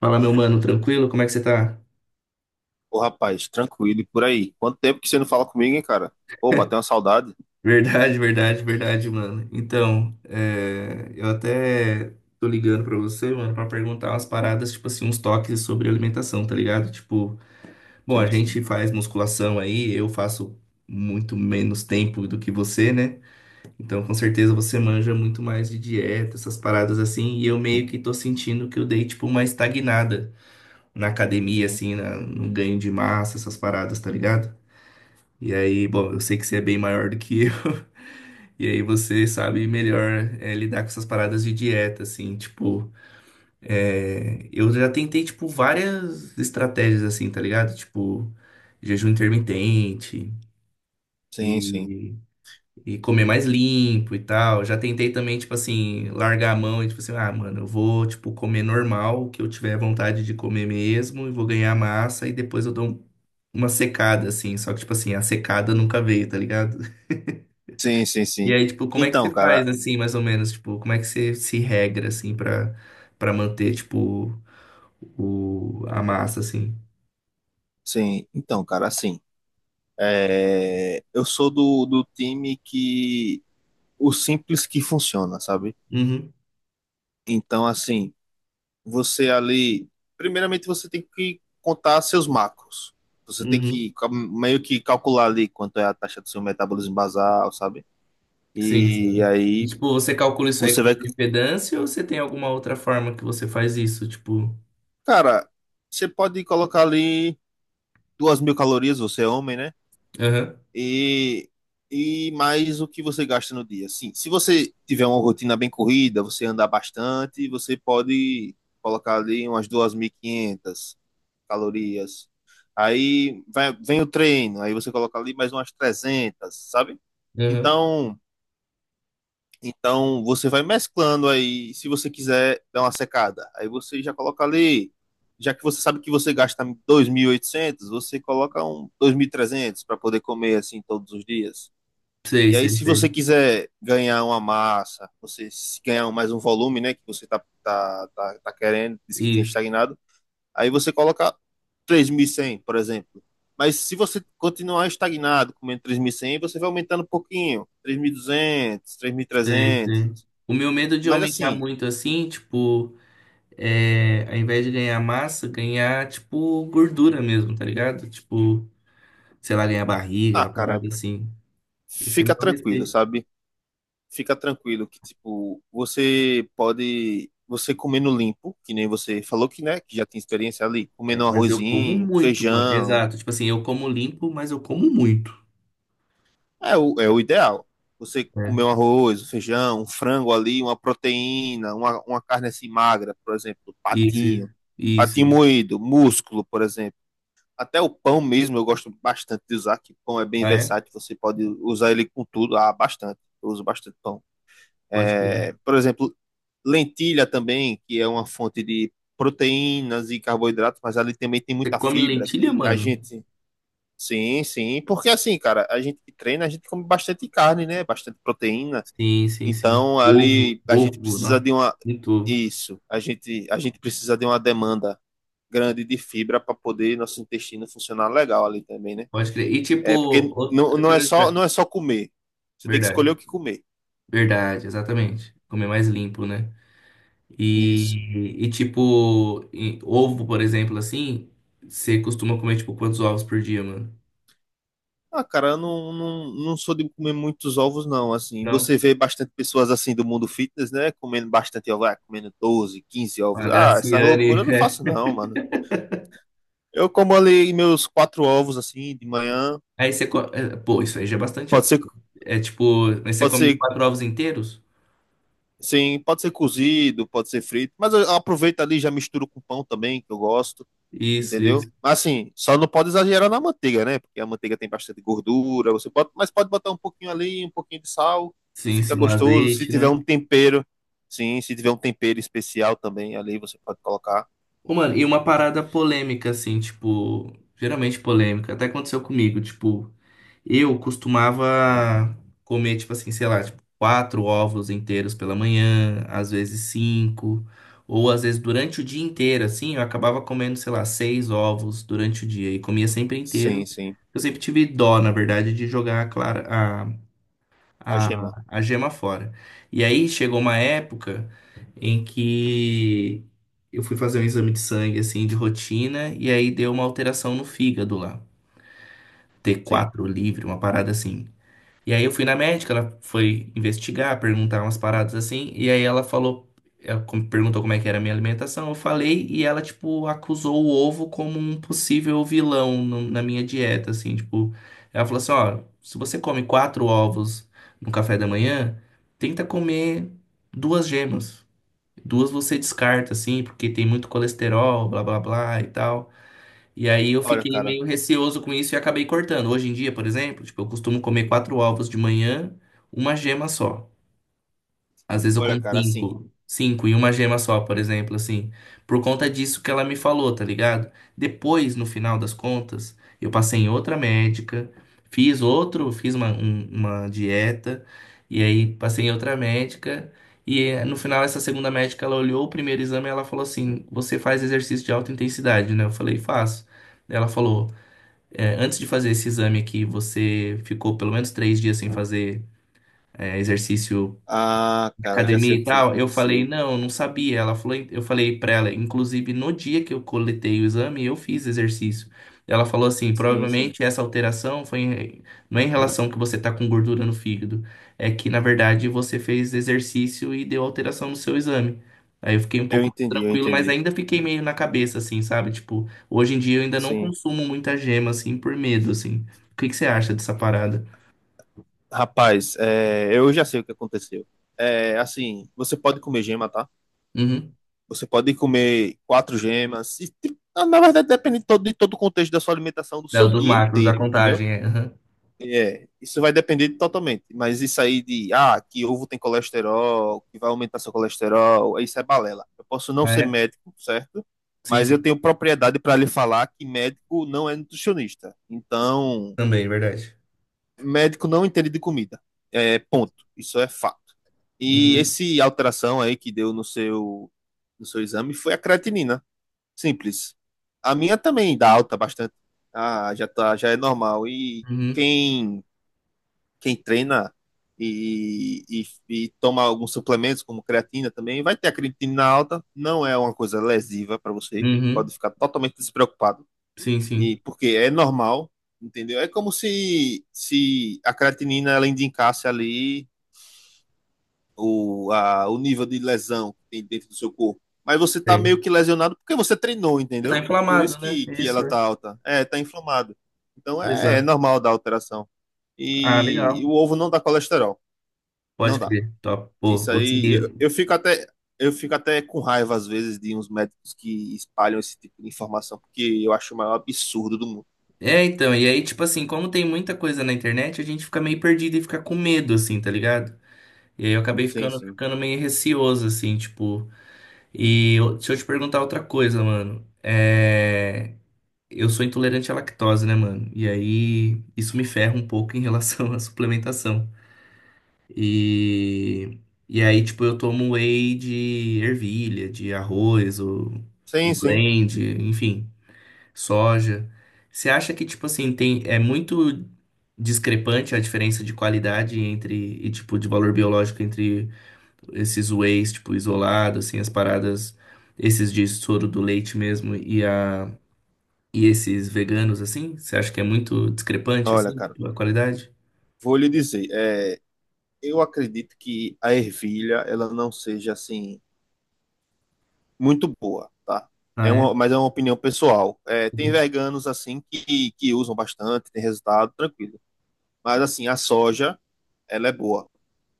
Fala, meu mano, tranquilo? Como é que você tá? Ô, rapaz, tranquilo e por aí. Quanto tempo que você não fala comigo, hein, cara? Pô, bateu uma saudade. Verdade, verdade, verdade, mano. Então, eu até tô ligando pra você, mano, pra perguntar umas paradas, tipo assim, uns toques sobre alimentação, tá ligado? Tipo, bom, a Sim, sim, gente faz musculação aí, eu faço muito menos tempo do que você, né? Então, com certeza você manja muito mais de dieta, essas paradas assim, e eu meio que tô sentindo que eu dei, tipo, uma estagnada na academia, sim, assim, no ganho de massa, essas paradas, tá ligado? E aí, bom, eu sei que você é bem maior do que eu. E aí você sabe melhor lidar com essas paradas de dieta, assim, tipo, eu já tentei, tipo, várias estratégias, assim, tá ligado? Tipo, jejum intermitente sim, sim, e, e comer mais limpo e tal. Já tentei também, tipo assim, largar a mão e, tipo assim, ah, mano, eu vou, tipo, comer normal, o que eu tiver vontade de comer mesmo, e vou ganhar massa e depois eu dou uma secada, assim. Só que, tipo assim, a secada nunca veio, tá ligado? sim, sim, E sim. aí, tipo, como é que você Então, cara, faz, assim, mais ou menos? Tipo, como é que você se regra, assim, pra, pra manter, tipo, a massa, assim? sim, então, cara, assim, é, eu sou do, do time que o simples que funciona, sabe? Uhum, Então, assim, você ali, primeiramente você tem que contar seus macros. Você tem que uhum. Meio que calcular ali quanto é a taxa do seu metabolismo basal, sabe? Sim, E sim. E, aí tipo, você calcula isso aí você com vai. impedância ou você tem alguma outra forma que você faz isso? Tipo, Cara, você pode colocar ali 2.000 calorias, você é homem, né? aham, E, e mais o que você gasta no dia. Sim, se você tiver uma rotina bem corrida, você andar bastante, você pode colocar ali umas 2.500 calorias. Vem o treino, aí você coloca ali mais umas 300, sabe? aham. Então, então você vai mesclando aí, se você quiser dar uma secada. Aí você já coloca ali, já que você sabe que você gasta 2.800, você coloca um 2.300 para poder comer assim todos os dias. Sei, E aí sei, se você sei. quiser ganhar uma massa, você se ganhar mais um volume, né, que você tá querendo, diz que tem Isso, estagnado, aí você coloca 3.100, por exemplo. Mas se você continuar estagnado comendo 3.100, você vai aumentando um pouquinho, 3.200, sei, sei. 3.300, O meu medo de mas aumentar assim. muito, assim, tipo, é, ao invés de ganhar massa, ganhar, tipo, gordura mesmo, tá ligado? Tipo, sei lá, ganhar barriga, Ah, uma cara, parada assim. Esse é meu fica tranquilo, receio. sabe? Fica tranquilo que, tipo, você pode, você comendo limpo, que nem você falou que, né, que já tem experiência ali, É, comendo um mas eu como arrozinho, muito, mano. feijão, Exato. Tipo assim, eu como limpo, mas eu como muito, é o ideal. Você né? comer um arroz, um feijão, um frango ali, uma proteína, uma carne assim magra, por exemplo, Isso, patinho, patinho isso. moído, músculo, por exemplo. Até o pão mesmo eu gosto bastante de usar, que pão é bem Ah, é? versátil, você pode usar ele com tudo, ah, bastante. Eu uso bastante pão. Pode comer. É, por exemplo, lentilha também, que é uma fonte de proteínas e carboidratos, mas ali também tem Você muita come fibra, lentilha, que a mano? gente. Sim, sim, porque assim, cara, a gente que treina, a gente come bastante carne, né? Bastante proteína. Sim, sim, sim. Então, Ovo, ali a gente ovo, precisa nossa, de uma. muito ovo. Isso, a gente precisa de uma demanda grande de fibra para poder nosso intestino funcionar legal ali também, né? Pode crer. E tipo, É porque não, outra não é só, curiosidade. não é só comer. Você tem que escolher o Verdade, que comer. verdade, exatamente. Comer mais limpo, né? Isso. E tipo, e ovo, por exemplo, assim, você costuma comer, tipo, quantos ovos por dia, mano? Ah, cara, eu não sou de comer muitos ovos, não. Assim, você Não. vê bastante pessoas assim do mundo fitness, né? Comendo bastante ovos, ah, comendo 12, 15 ovos. A Ah, essa loucura Graciane. eu não É. faço, não, mano. Eu como ali meus quatro ovos assim de manhã. Aí você. Pô, isso aí já é bastante. É Pode ser, é tipo. Mas você pode come os ser, quatro ovos inteiros? sim, pode ser cozido, pode ser frito, mas eu aproveito ali e já misturo com pão também, que eu gosto. Isso, Entendeu? isso. Assim, só não pode exagerar na manteiga, né? Porque a manteiga tem bastante gordura, você pode, mas pode botar um pouquinho ali, um pouquinho de sal, que Sim, fica sim, um gostoso. Se azeite, tiver né? um tempero, sim, se tiver um tempero especial também ali, você pode colocar. Ô, mano, e uma parada polêmica, assim, tipo. Geralmente polêmica. Até aconteceu comigo, tipo. Eu costumava comer, tipo assim, sei lá, tipo, quatro ovos inteiros pela manhã, às vezes cinco, ou às vezes durante o dia inteiro, assim, eu acabava comendo, sei lá, seis ovos durante o dia e comia sempre inteiro. Sim, sim. Eu sempre tive dó, na verdade, de jogar clara, A gema, a gema fora. E aí chegou uma época em que eu fui fazer um exame de sangue, assim, de rotina, e aí deu uma alteração no fígado lá. T sim. quatro livre, uma parada assim. E aí eu fui na médica, ela foi investigar, perguntar umas paradas assim, e aí ela falou, ela perguntou como é que era a minha alimentação, eu falei, e ela, tipo, acusou o ovo como um possível vilão na minha dieta, assim, tipo, ela falou assim, ó, se você come quatro ovos no café da manhã, tenta comer duas gemas. Duas você descarta, assim, porque tem muito colesterol, blá blá blá e tal. E aí eu Olha, fiquei cara, meio receoso com isso e acabei cortando. Hoje em dia, por exemplo, tipo, eu costumo comer quatro ovos de manhã, uma gema só. Às vezes eu olha, como cara, assim. cinco, cinco e uma gema só, por exemplo, assim. Por conta disso que ela me falou, tá ligado? Depois, no final das contas, eu passei em outra médica, fiz outro, uma dieta, e aí passei em outra médica. E no final, essa segunda médica, ela olhou o primeiro exame e ela falou assim: Você faz exercício de alta intensidade, né? Eu falei: Faço. Ela falou: Antes de fazer esse exame aqui, você ficou pelo menos três dias sem fazer exercício Ah, cara, já sei academia o e que foi que tal, eu falei, aconteceu. não, eu não sabia. Ela falou, eu falei pra ela, inclusive no dia que eu coletei o exame, eu fiz exercício. Ela falou assim, Sim, sim. provavelmente essa alteração não é em relação que você tá com gordura no fígado, é que na verdade você fez exercício e deu alteração no seu exame. Aí eu fiquei um Eu pouco mais entendi, eu tranquilo, mas entendi. ainda fiquei meio na cabeça assim, sabe? Tipo, hoje em dia eu ainda não Sim. consumo muita gema assim por medo assim. O que que você acha dessa parada? Rapaz, é, eu já sei o que aconteceu. É, assim, você pode comer gema, tá? Uhum. Você pode comer quatro gemas. E, tipo, na verdade, depende de todo o contexto da sua alimentação do Da- seu Dos dia macros, da inteiro, entendeu? contagem, é. Uhum. É, isso vai depender totalmente. Mas isso aí de, ah, que ovo tem colesterol, que vai aumentar seu colesterol, isso é balela. Eu posso não Ah, ser é? médico, certo? Sim, Mas sim. eu tenho propriedade para lhe falar que médico não é nutricionista. Então, Também, verdade. médico não entende de comida. É, ponto. Isso é fato. E Uhum, esse alteração aí que deu no no seu exame foi a creatinina. Simples. A minha também dá alta bastante. Ah, já tá, já é normal. E uhum, quem, quem treina e, e, e toma alguns suplementos, como creatina também, vai ter a creatina alta. Não é uma coisa lesiva para você. uhum. Pode ficar totalmente despreocupado. Sim, sim. E porque é normal, entendeu? É como se a creatinina ela indicasse ali o nível de lesão que tem dentro do seu corpo. Mas você tá meio Sei. que lesionado porque você treinou, Você tá entendeu? Por isso inflamado, né? Que Isso, ela é. tá alta. É, tá inflamado. Então é, é Exato. normal dar alteração. Ah, E legal. o ovo não dá colesterol. Não Pode dá. crer. Top. Pô, Isso aí, consegui. eu fico até. Eu fico até com raiva, às vezes, de uns médicos que espalham esse tipo de informação, porque eu acho o maior absurdo do mundo. É, então, e aí, tipo assim, como tem muita coisa na internet, a gente fica meio perdido e fica com medo, assim, tá ligado? E aí eu acabei Sim, sim. ficando meio receoso, assim, tipo. E deixa eu te perguntar outra coisa, mano. É. Eu sou intolerante à lactose, né, mano? E aí, isso me ferra um pouco em relação à suplementação. E, e aí, tipo, eu tomo whey de ervilha, de arroz, o Sim, sim. blend, enfim, soja. Você acha que, tipo assim, tem, é muito discrepante a diferença de qualidade entre, e tipo, de valor biológico entre esses wheys, tipo, isolado assim, as paradas, esses de soro do leite mesmo e a... E esses veganos, assim, você acha que é muito discrepante, Olha, assim, cara, a qualidade? vou lhe dizer, é, eu acredito que a ervilha, ela não seja, assim, muito boa, tá? Ah, É é? uma, mas é uma opinião pessoal. É, tem Uhum. veganos assim que usam bastante, tem resultado, tranquilo. Mas assim, a soja, ela é boa.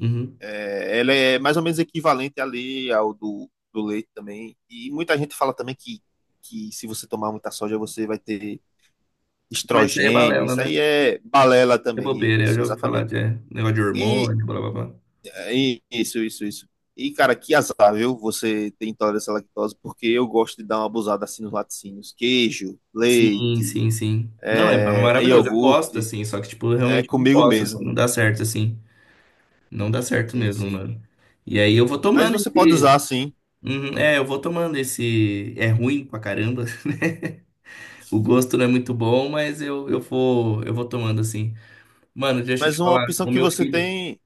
Uhum. É, ela é mais ou menos equivalente ali ao do leite também. E muita gente fala também que se você tomar muita soja, você vai ter Ah, mas isso aí é estrogênio. balela, Isso aí né? é balela É também, bobeira, eu isso, já ouvi falar exatamente. de é, negócio de E hormônio, blá blá blá. isso, isso. E, cara, que azar, viu? Você tem intolerância à lactose, porque eu gosto de dar uma abusada assim nos laticínios. Queijo, Sim, leite, sim, sim. Não, é é maravilhoso, eu gosto, iogurte, assim, só que, tipo, eu é realmente não comigo posso, assim, mesmo. não dá certo, assim. Não dá certo Sim, mesmo, sim. mano. E aí eu vou Mas tomando você pode esse. usar, sim. Uhum, é, eu vou tomando esse. É ruim pra caramba, né? O gosto não é muito bom, mas eu vou tomando, assim. Mano, deixa eu Mas te uma falar, opção o que meu você filho. tem.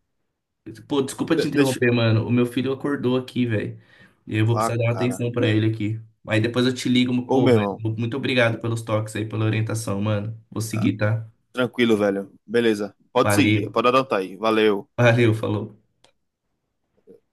Pô, desculpa te Deixa. interromper, mano. O meu filho acordou aqui, velho. E eu vou precisar Ah, dar uma cara. atenção pra ele aqui. Aí depois eu te ligo, mas, Ô, pô, meu mas irmão. muito obrigado pelos toques aí, pela orientação, mano. Vou Ah, seguir, tá? tranquilo, velho. Beleza. Pode seguir, Valeu. pode adotar aí. Valeu. Valeu, falou.